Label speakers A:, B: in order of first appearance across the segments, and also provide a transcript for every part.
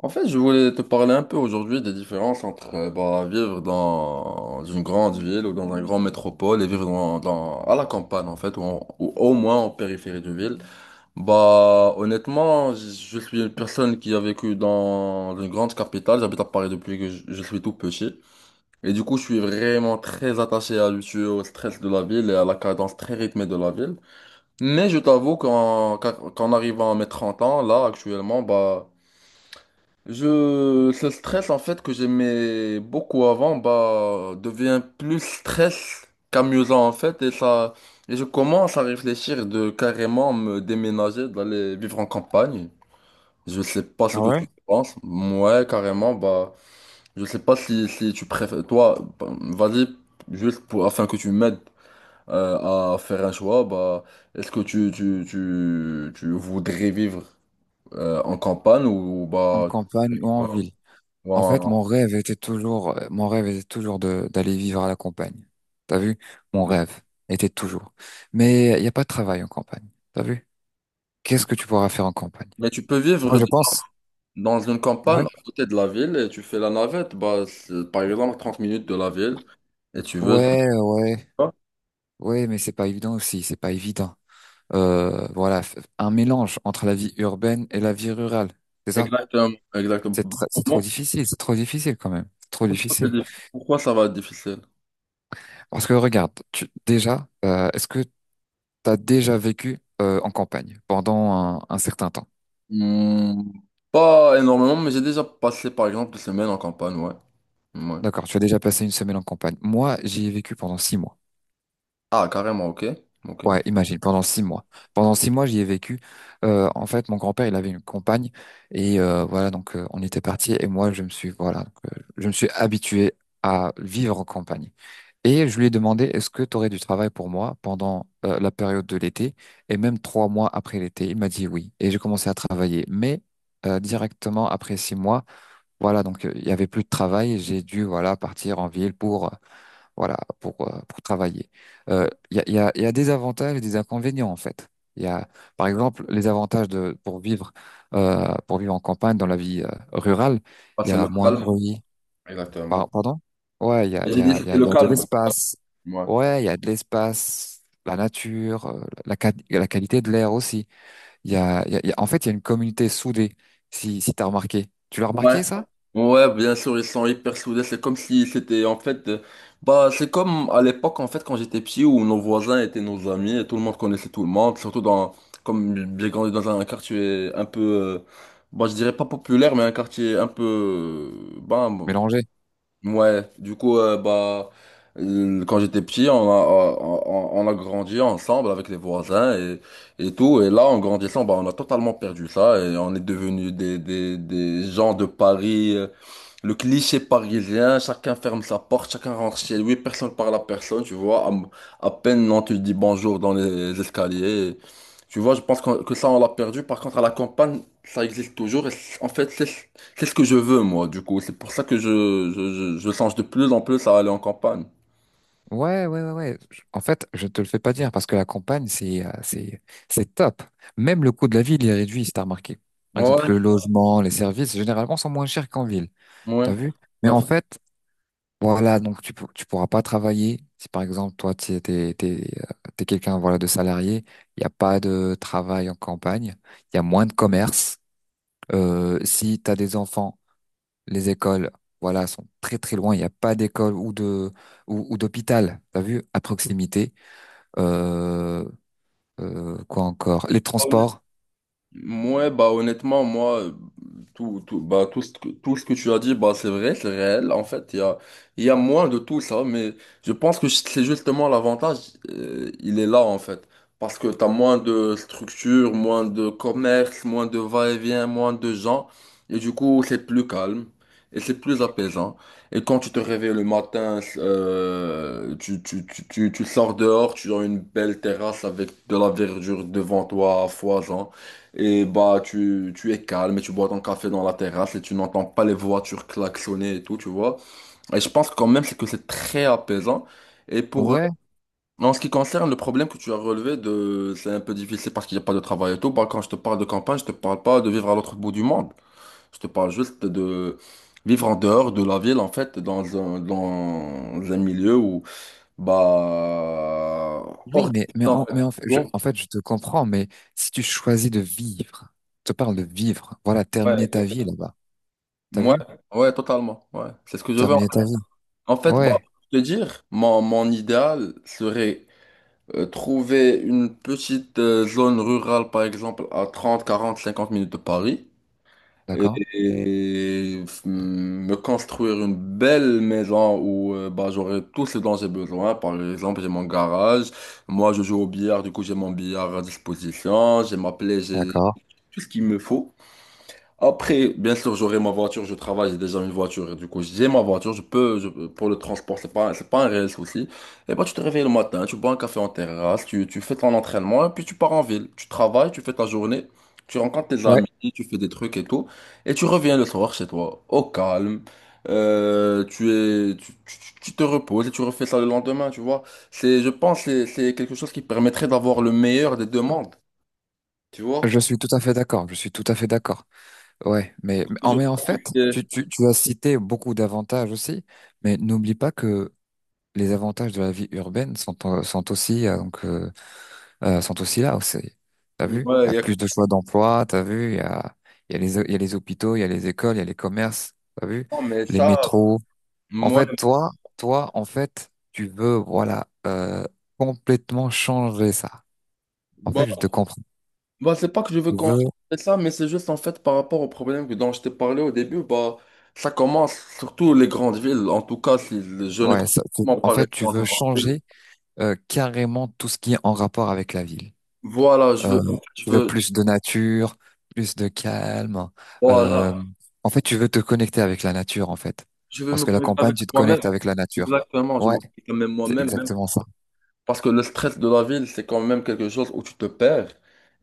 A: En fait, je voulais te parler un peu aujourd'hui des différences entre bah, vivre dans une grande ville ou dans un grand métropole et vivre à la campagne, en fait, ou au moins en périphérie de ville. Bah, honnêtement, je suis une personne qui a vécu dans une grande capitale. J'habite à Paris depuis que je suis tout petit. Et du coup, je suis vraiment très attaché à l'usure, au stress de la ville et à la cadence très rythmée de la ville. Mais je t'avoue qu'en arrivant à mes 30 ans, là, actuellement, bah, ce stress en fait que j'aimais beaucoup avant, bah, devient plus stress qu'amusant en fait et ça, et je commence à réfléchir de carrément me déménager, d'aller vivre en campagne. Je sais pas ce
B: Ah
A: que tu
B: ouais?
A: penses. Ouais, carrément, bah, je sais pas si tu préfères, toi, bah, vas-y, juste pour, afin que tu m'aides à faire un choix, bah, est-ce que tu voudrais vivre en campagne ou,
B: En
A: bah,
B: campagne ou en ville.
A: tu-
B: En fait,
A: en-
B: mon rêve était toujours, mon rêve était toujours de d'aller vivre à la campagne. T'as vu? Mon
A: ok.
B: rêve était toujours. Mais il n'y a pas de travail en campagne. T'as vu? Qu'est-ce que tu pourras faire en campagne?
A: Mais tu peux
B: Moi,
A: vivre
B: je pense.
A: dans une
B: Ouais.
A: campagne à côté de la ville et tu fais la navette, bah, c'est, par exemple, 30 minutes de la ville et tu veux.
B: Ouais,
A: dans-
B: ouais, ouais, mais c'est pas évident aussi, c'est pas évident. Voilà, un mélange entre la vie urbaine et la vie rurale, c'est ça?
A: Exactement, exactement. Pour
B: C'est trop
A: moi,
B: difficile, c'est trop difficile quand même, c'est trop difficile.
A: pourquoi ça va être difficile?
B: Parce que regarde, tu, déjà, est-ce que T'as déjà vécu en campagne pendant un certain temps.
A: Hmm, pas énormément, mais j'ai déjà passé par exemple des semaines en campagne, ouais. Ouais.
B: D'accord, tu as déjà passé une semaine en campagne. Moi, j'y ai vécu pendant 6 mois.
A: Ah, carrément, ok. Ok.
B: Ouais, imagine, pendant 6 mois. Pendant six mois, j'y ai vécu. En fait, mon grand-père, il avait une campagne et voilà, donc on était partis et moi, je me suis voilà, donc, je me suis habitué à vivre en campagne. Et je lui ai demandé, est-ce que tu aurais du travail pour moi pendant la période de l'été et même 3 mois après l'été? Il m'a dit oui. Et j'ai commencé à travailler, mais directement après 6 mois. Voilà, donc il y avait plus de travail et j'ai dû voilà partir en ville pour voilà pour travailler. Il y a des avantages et des inconvénients en fait. Il y a par exemple les avantages de pour vivre en campagne dans la vie rurale,
A: Ah,
B: il y
A: c'est
B: a
A: le
B: moins de
A: calme.
B: bruit.
A: Exactement.
B: Pardon? Ouais, il y a il y
A: J'ai dit
B: a il y
A: c'était
B: a, il
A: le
B: y a de
A: calme.
B: l'espace.
A: Ouais.
B: Ouais, il y a de l'espace, la nature, la qualité de l'air aussi. Il y a, il y a- il y a- En fait, il y a une communauté soudée, si tu as remarqué. Tu l'as
A: Ouais.
B: remarqué, ça?
A: Ouais, bien sûr, ils sont hyper soudés. C'est comme si c'était en fait, bah, c'est comme à l'époque en fait quand j'étais petit où nos voisins étaient nos amis et tout le monde connaissait tout le monde. Surtout dans, comme j'ai grandi dans un quartier un peu, bah, je dirais pas populaire, mais un quartier un peu, bah,
B: Mélangé.
A: ouais, du coup, bah, quand j'étais petit, on a grandi ensemble avec les voisins et tout. Et là, en grandissant, bah, on a totalement perdu ça et on est devenu des gens de Paris, le cliché parisien. Chacun ferme sa porte, chacun rentre chez lui, personne parle à personne, tu vois. À peine on te dit bonjour dans les escaliers. Tu vois, je pense que ça, on l'a perdu. Par contre, à la campagne, ça existe toujours. Et en fait, c'est ce que je veux, moi, du coup. C'est pour ça que je songe de plus en plus à aller en campagne.
B: Ouais, ouais, ouais, ouais. En fait, je te le fais pas dire parce que la campagne, c'est top. Même le coût de la ville il est réduit, si t'as remarqué. Par exemple,
A: Ouais,
B: le logement, les services, généralement, sont moins chers qu'en ville.
A: ouais.
B: T'as vu? Mais en fait, voilà, donc tu pourras pas travailler. Si par exemple, toi, t'es quelqu'un voilà, de salarié, il n'y a pas de travail en campagne, il y a moins de commerce. Si tu as des enfants, les écoles, voilà, sont très très loin. Il n'y a pas d'école ou ou d'hôpital, t'as vu, à proximité. Euh, quoi encore? Les transports.
A: Ouais, bah honnêtement, moi, bah, tout ce que tu as dit, bah, c'est vrai, c'est réel. En fait, il y a moins de tout ça, mais je pense que c'est justement l'avantage, il est là, en fait. Parce que tu as moins de structure, moins de commerce, moins de va-et-vient, moins de gens. Et du coup, c'est plus calme et c'est plus apaisant. Et quand tu te réveilles le matin, tu sors dehors, tu as une belle terrasse avec de la verdure devant toi à foison. Et bah, tu es calme et tu bois ton café dans la terrasse et tu n'entends pas les voitures klaxonner et tout, tu vois. Et je pense quand même c'est que c'est très apaisant. Et pour,
B: Ouais,
A: en ce qui concerne le problème que tu as relevé de, c'est un peu difficile parce qu'il n'y a pas de travail et tout. Bah, quand je te parle de campagne, je te parle pas de vivre à l'autre bout du monde. Je te parle juste de vivre en dehors de la ville, en fait, dans un milieu où, bah, hors des villes, en fait.
B: mais en fait,
A: Bon,
B: en fait, je te comprends, mais si tu choisis de vivre, je te parle de vivre, voilà,
A: ouais,
B: terminer ta vie là-bas. T'as
A: ouais,
B: vu?
A: ouais, totalement. Ouais, c'est ce que je veux.
B: Terminer ta vie.
A: En fait, bah,
B: Ouais,
A: pour te dire, mon idéal serait trouver une petite zone rurale, par exemple, à 30, 40, 50 minutes de Paris,
B: d'accord,
A: me construire une belle maison où bah, j'aurai tout ce dont j'ai besoin. Par exemple, j'ai mon garage, moi je joue au billard, du coup j'ai mon billard à disposition, j'ai ma plaie, j'ai
B: d'accord.
A: tout ce qu'il me faut. Après, bien sûr, j'aurai ma voiture, je travaille, j'ai déjà une voiture, et du coup, j'ai ma voiture, pour le transport, c'est pas un réel souci. Et bah, tu te réveilles le matin, tu bois un café en terrasse, tu fais ton entraînement, et puis tu pars en ville. Tu travailles, tu fais ta journée, tu rencontres tes
B: Ouais,
A: amis, tu fais des trucs et tout, et tu reviens le soir chez toi, au calme, tu es, tu- tu tu te reposes et tu refais ça le lendemain, tu vois. C'est, je pense, c'est quelque chose qui permettrait d'avoir le meilleur des deux mondes, tu vois.
B: je suis tout à fait d'accord, je suis tout à fait d'accord. Ouais,
A: Du coup, je
B: mais en
A: pense
B: fait,
A: que
B: tu as cité beaucoup d'avantages aussi, mais n'oublie pas que les avantages de la vie urbaine sont aussi, sont aussi là aussi. T'as vu?
A: ouais,
B: Il y
A: il
B: a
A: y a
B: plus de choix d'emploi, t'as vu? Il y a les hôpitaux, il y a les écoles, il y a les commerces, t'as vu?
A: non, mais
B: Les
A: ça,
B: métros. En
A: moi,
B: fait, toi, en fait, tu veux, voilà, complètement changer ça. En fait, je
A: bah,
B: te comprends.
A: bah, c'est pas que je veux
B: Tu
A: qu'on
B: veux,
A: ça, mais c'est juste en fait par rapport au problème dont je t'ai parlé au début, bah, ça commence surtout les grandes villes, en tout cas, si je ne
B: ouais,
A: comprends
B: en
A: pas
B: fait,
A: rester
B: tu
A: dans
B: veux
A: une grande ville.
B: changer carrément tout ce qui est en rapport avec la ville.
A: Voilà,
B: Euh,
A: je
B: Tu veux
A: veux,
B: plus de nature, plus de calme.
A: voilà,
B: Euh, En fait, tu veux te connecter avec la nature, en fait.
A: je veux
B: Parce
A: me
B: que la
A: connecter
B: campagne,
A: avec
B: tu te
A: moi-même,
B: connectes avec la nature.
A: exactement, je me
B: Ouais,
A: connecte même
B: c'est
A: moi-même, même.
B: exactement ça.
A: Parce que le stress de la ville, c'est quand même quelque chose où tu te perds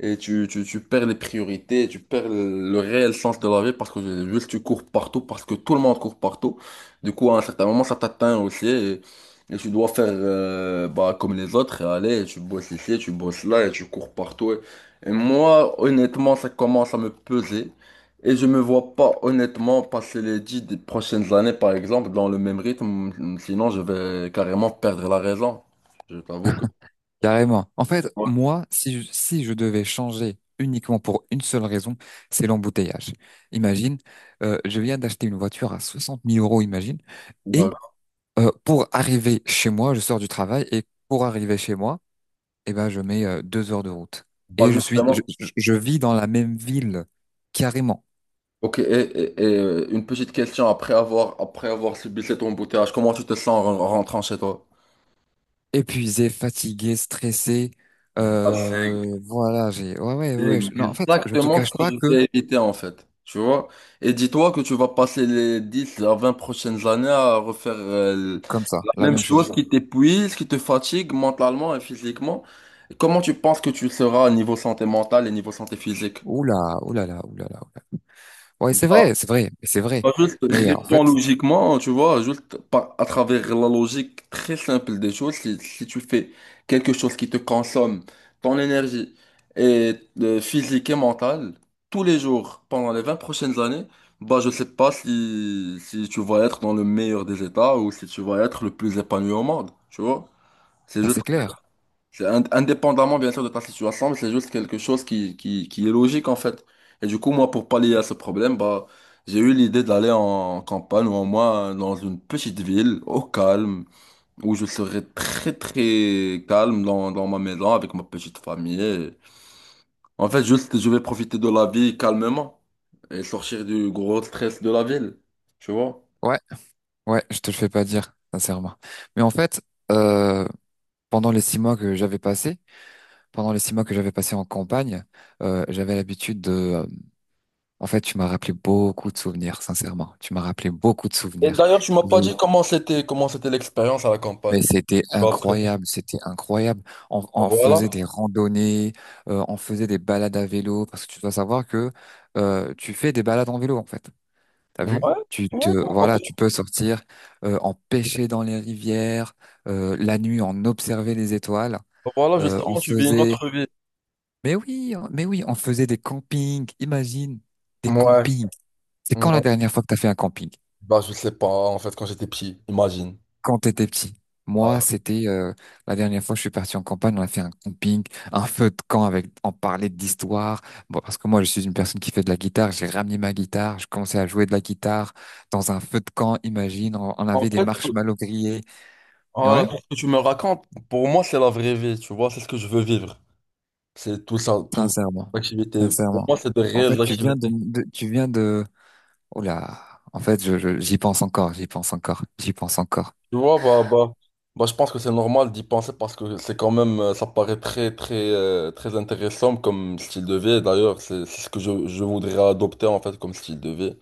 A: et tu perds les priorités, tu perds le réel sens de la vie parce que juste tu cours partout, parce que tout le monde court partout. Du coup, à un certain moment, ça t'atteint aussi et tu dois faire bah, comme les autres et aller, tu bosses ici, tu bosses là et tu cours partout. Et moi, honnêtement, ça commence à me peser et je me vois pas honnêtement passer les 10 prochaines années, par exemple, dans le même rythme. Sinon, je vais carrément perdre la raison. Je t'avoue que.
B: Carrément. En fait,
A: Ouais.
B: moi, si je devais changer uniquement pour une seule raison, c'est l'embouteillage. Imagine, je viens d'acheter une voiture à 60 000 euros, imagine. Et
A: Bah,
B: Pour arriver chez moi, je sors du travail et pour arriver chez moi, eh ben, je mets 2 heures de route.
A: pas
B: Et je suis,
A: justement.
B: je vis dans la même ville, carrément.
A: Ok, une petite question après avoir subi cet embouteillage, comment tu te sens en en rentrant chez toi?
B: Épuisé, fatigué, stressé.
A: Bah, c'est
B: Voilà, ouais, ouais, ouais.
A: c'est
B: Non, en fait, je te
A: exactement ce
B: cache
A: que
B: pas
A: je
B: que
A: vais éviter en fait, tu vois? Et dis-toi que tu vas passer les 10 à 20 prochaines années à refaire
B: comme ça,
A: la
B: la
A: même
B: même
A: chose
B: chose.
A: qui t'épuise, qui te fatigue mentalement et physiquement. Comment tu penses que tu seras au niveau santé mentale et niveau santé physique?
B: Oula, oulala, oulala, oulala. Ouais, c'est vrai, c'est vrai, c'est vrai.
A: Bah, juste
B: Mais en
A: réponds
B: fait,
A: logiquement, tu vois, juste à travers la logique très simple des choses, si tu fais quelque chose qui te consomme ton énergie et physique et mentale tous les jours pendant les 20 prochaines années, bah je sais pas si tu vas être dans le meilleur des états ou si tu vas être le plus épanoui au monde, tu vois. C'est
B: là,
A: juste
B: c'est clair.
A: c'est indépendamment, bien sûr, de ta situation, mais c'est juste quelque chose qui est logique, en fait. Et du coup, moi, pour pallier à ce problème, bah, j'ai eu l'idée d'aller en campagne ou en moins dans une petite ville, au calme, où je serais très, très calme dans ma maison avec ma petite famille. Et en fait, juste, je vais profiter de la vie calmement et sortir du gros stress de la ville, tu vois.
B: Ouais, ouais, je te le fais pas dire, sincèrement. Mais en fait, euh, pendant les six mois que j'avais passés, Pendant les six mois que j'avais passé en campagne, j'avais l'habitude de... en fait, tu m'as rappelé beaucoup de souvenirs, sincèrement. Tu m'as rappelé beaucoup de
A: Et
B: souvenirs.
A: d'ailleurs, tu m'as
B: Je-
A: pas dit comment c'était l'expérience à la
B: Mais
A: campagne.
B: c'était
A: Bah, après,
B: incroyable, c'était incroyable. On faisait
A: voilà.
B: des randonnées, on faisait des balades à vélo, parce que tu dois savoir que tu fais des balades en vélo, en fait. T'as
A: Ouais,
B: vu?
A: ouais, pourquoi.
B: Voilà, tu peux sortir, en pêcher dans les rivières, la nuit, on observait les étoiles,
A: Voilà,
B: on
A: justement, tu vis une
B: faisait
A: autre vie.
B: Mais oui, mais oui, on faisait des campings. Imagine, des
A: Ouais.
B: campings. C'est
A: Ouais.
B: quand la dernière fois que t'as fait un camping?
A: Bah, je sais pas, en fait, quand j'étais petit, imagine.
B: Quand t'étais petit.
A: Ouais.
B: Moi, c'était la dernière fois que je suis parti en campagne, on a fait un camping, un feu de camp avec, on parlait d'histoire. Bon, parce que moi, je suis une personne qui fait de la guitare. J'ai ramené ma guitare, je commençais à jouer de la guitare dans un feu de camp. Imagine, on
A: En
B: avait des
A: fait,
B: marshmallows grillés.
A: voilà,
B: Ouais,
A: pour ce que tu me racontes, pour moi, c'est la vraie vie, tu vois, c'est ce que je veux vivre. C'est tout ça, tout,
B: sincèrement,
A: l'activité. Pour
B: sincèrement.
A: moi, c'est de
B: En
A: réelles
B: fait,
A: activités.
B: tu viens de. Oh là, en fait, j'y pense encore, j'y pense encore, j'y pense encore.
A: Tu vois, bah, bah, bah, je pense que c'est normal d'y penser parce que c'est quand même, ça paraît très, très, très intéressant comme style de vie. D'ailleurs, c'est ce que je voudrais adopter, en fait, comme style de vie.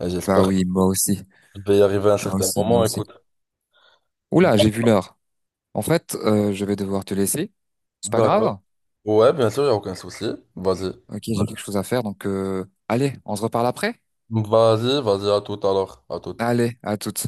A: Et
B: Bah
A: j'espère que
B: oui, moi aussi,
A: je vais y arriver à un
B: moi
A: certain
B: aussi, moi
A: moment,
B: aussi.
A: écoute.
B: Oh là, j'ai vu l'heure. En fait, je vais devoir te laisser. C'est pas
A: D'accord.
B: grave.
A: Ouais, bien sûr, il n'y a aucun souci. Vas-y.
B: Ok, j'ai quelque chose à faire, donc allez, on se reparle après.
A: Vas-y, vas-y, à tout alors. À tout.
B: Allez, à toutes.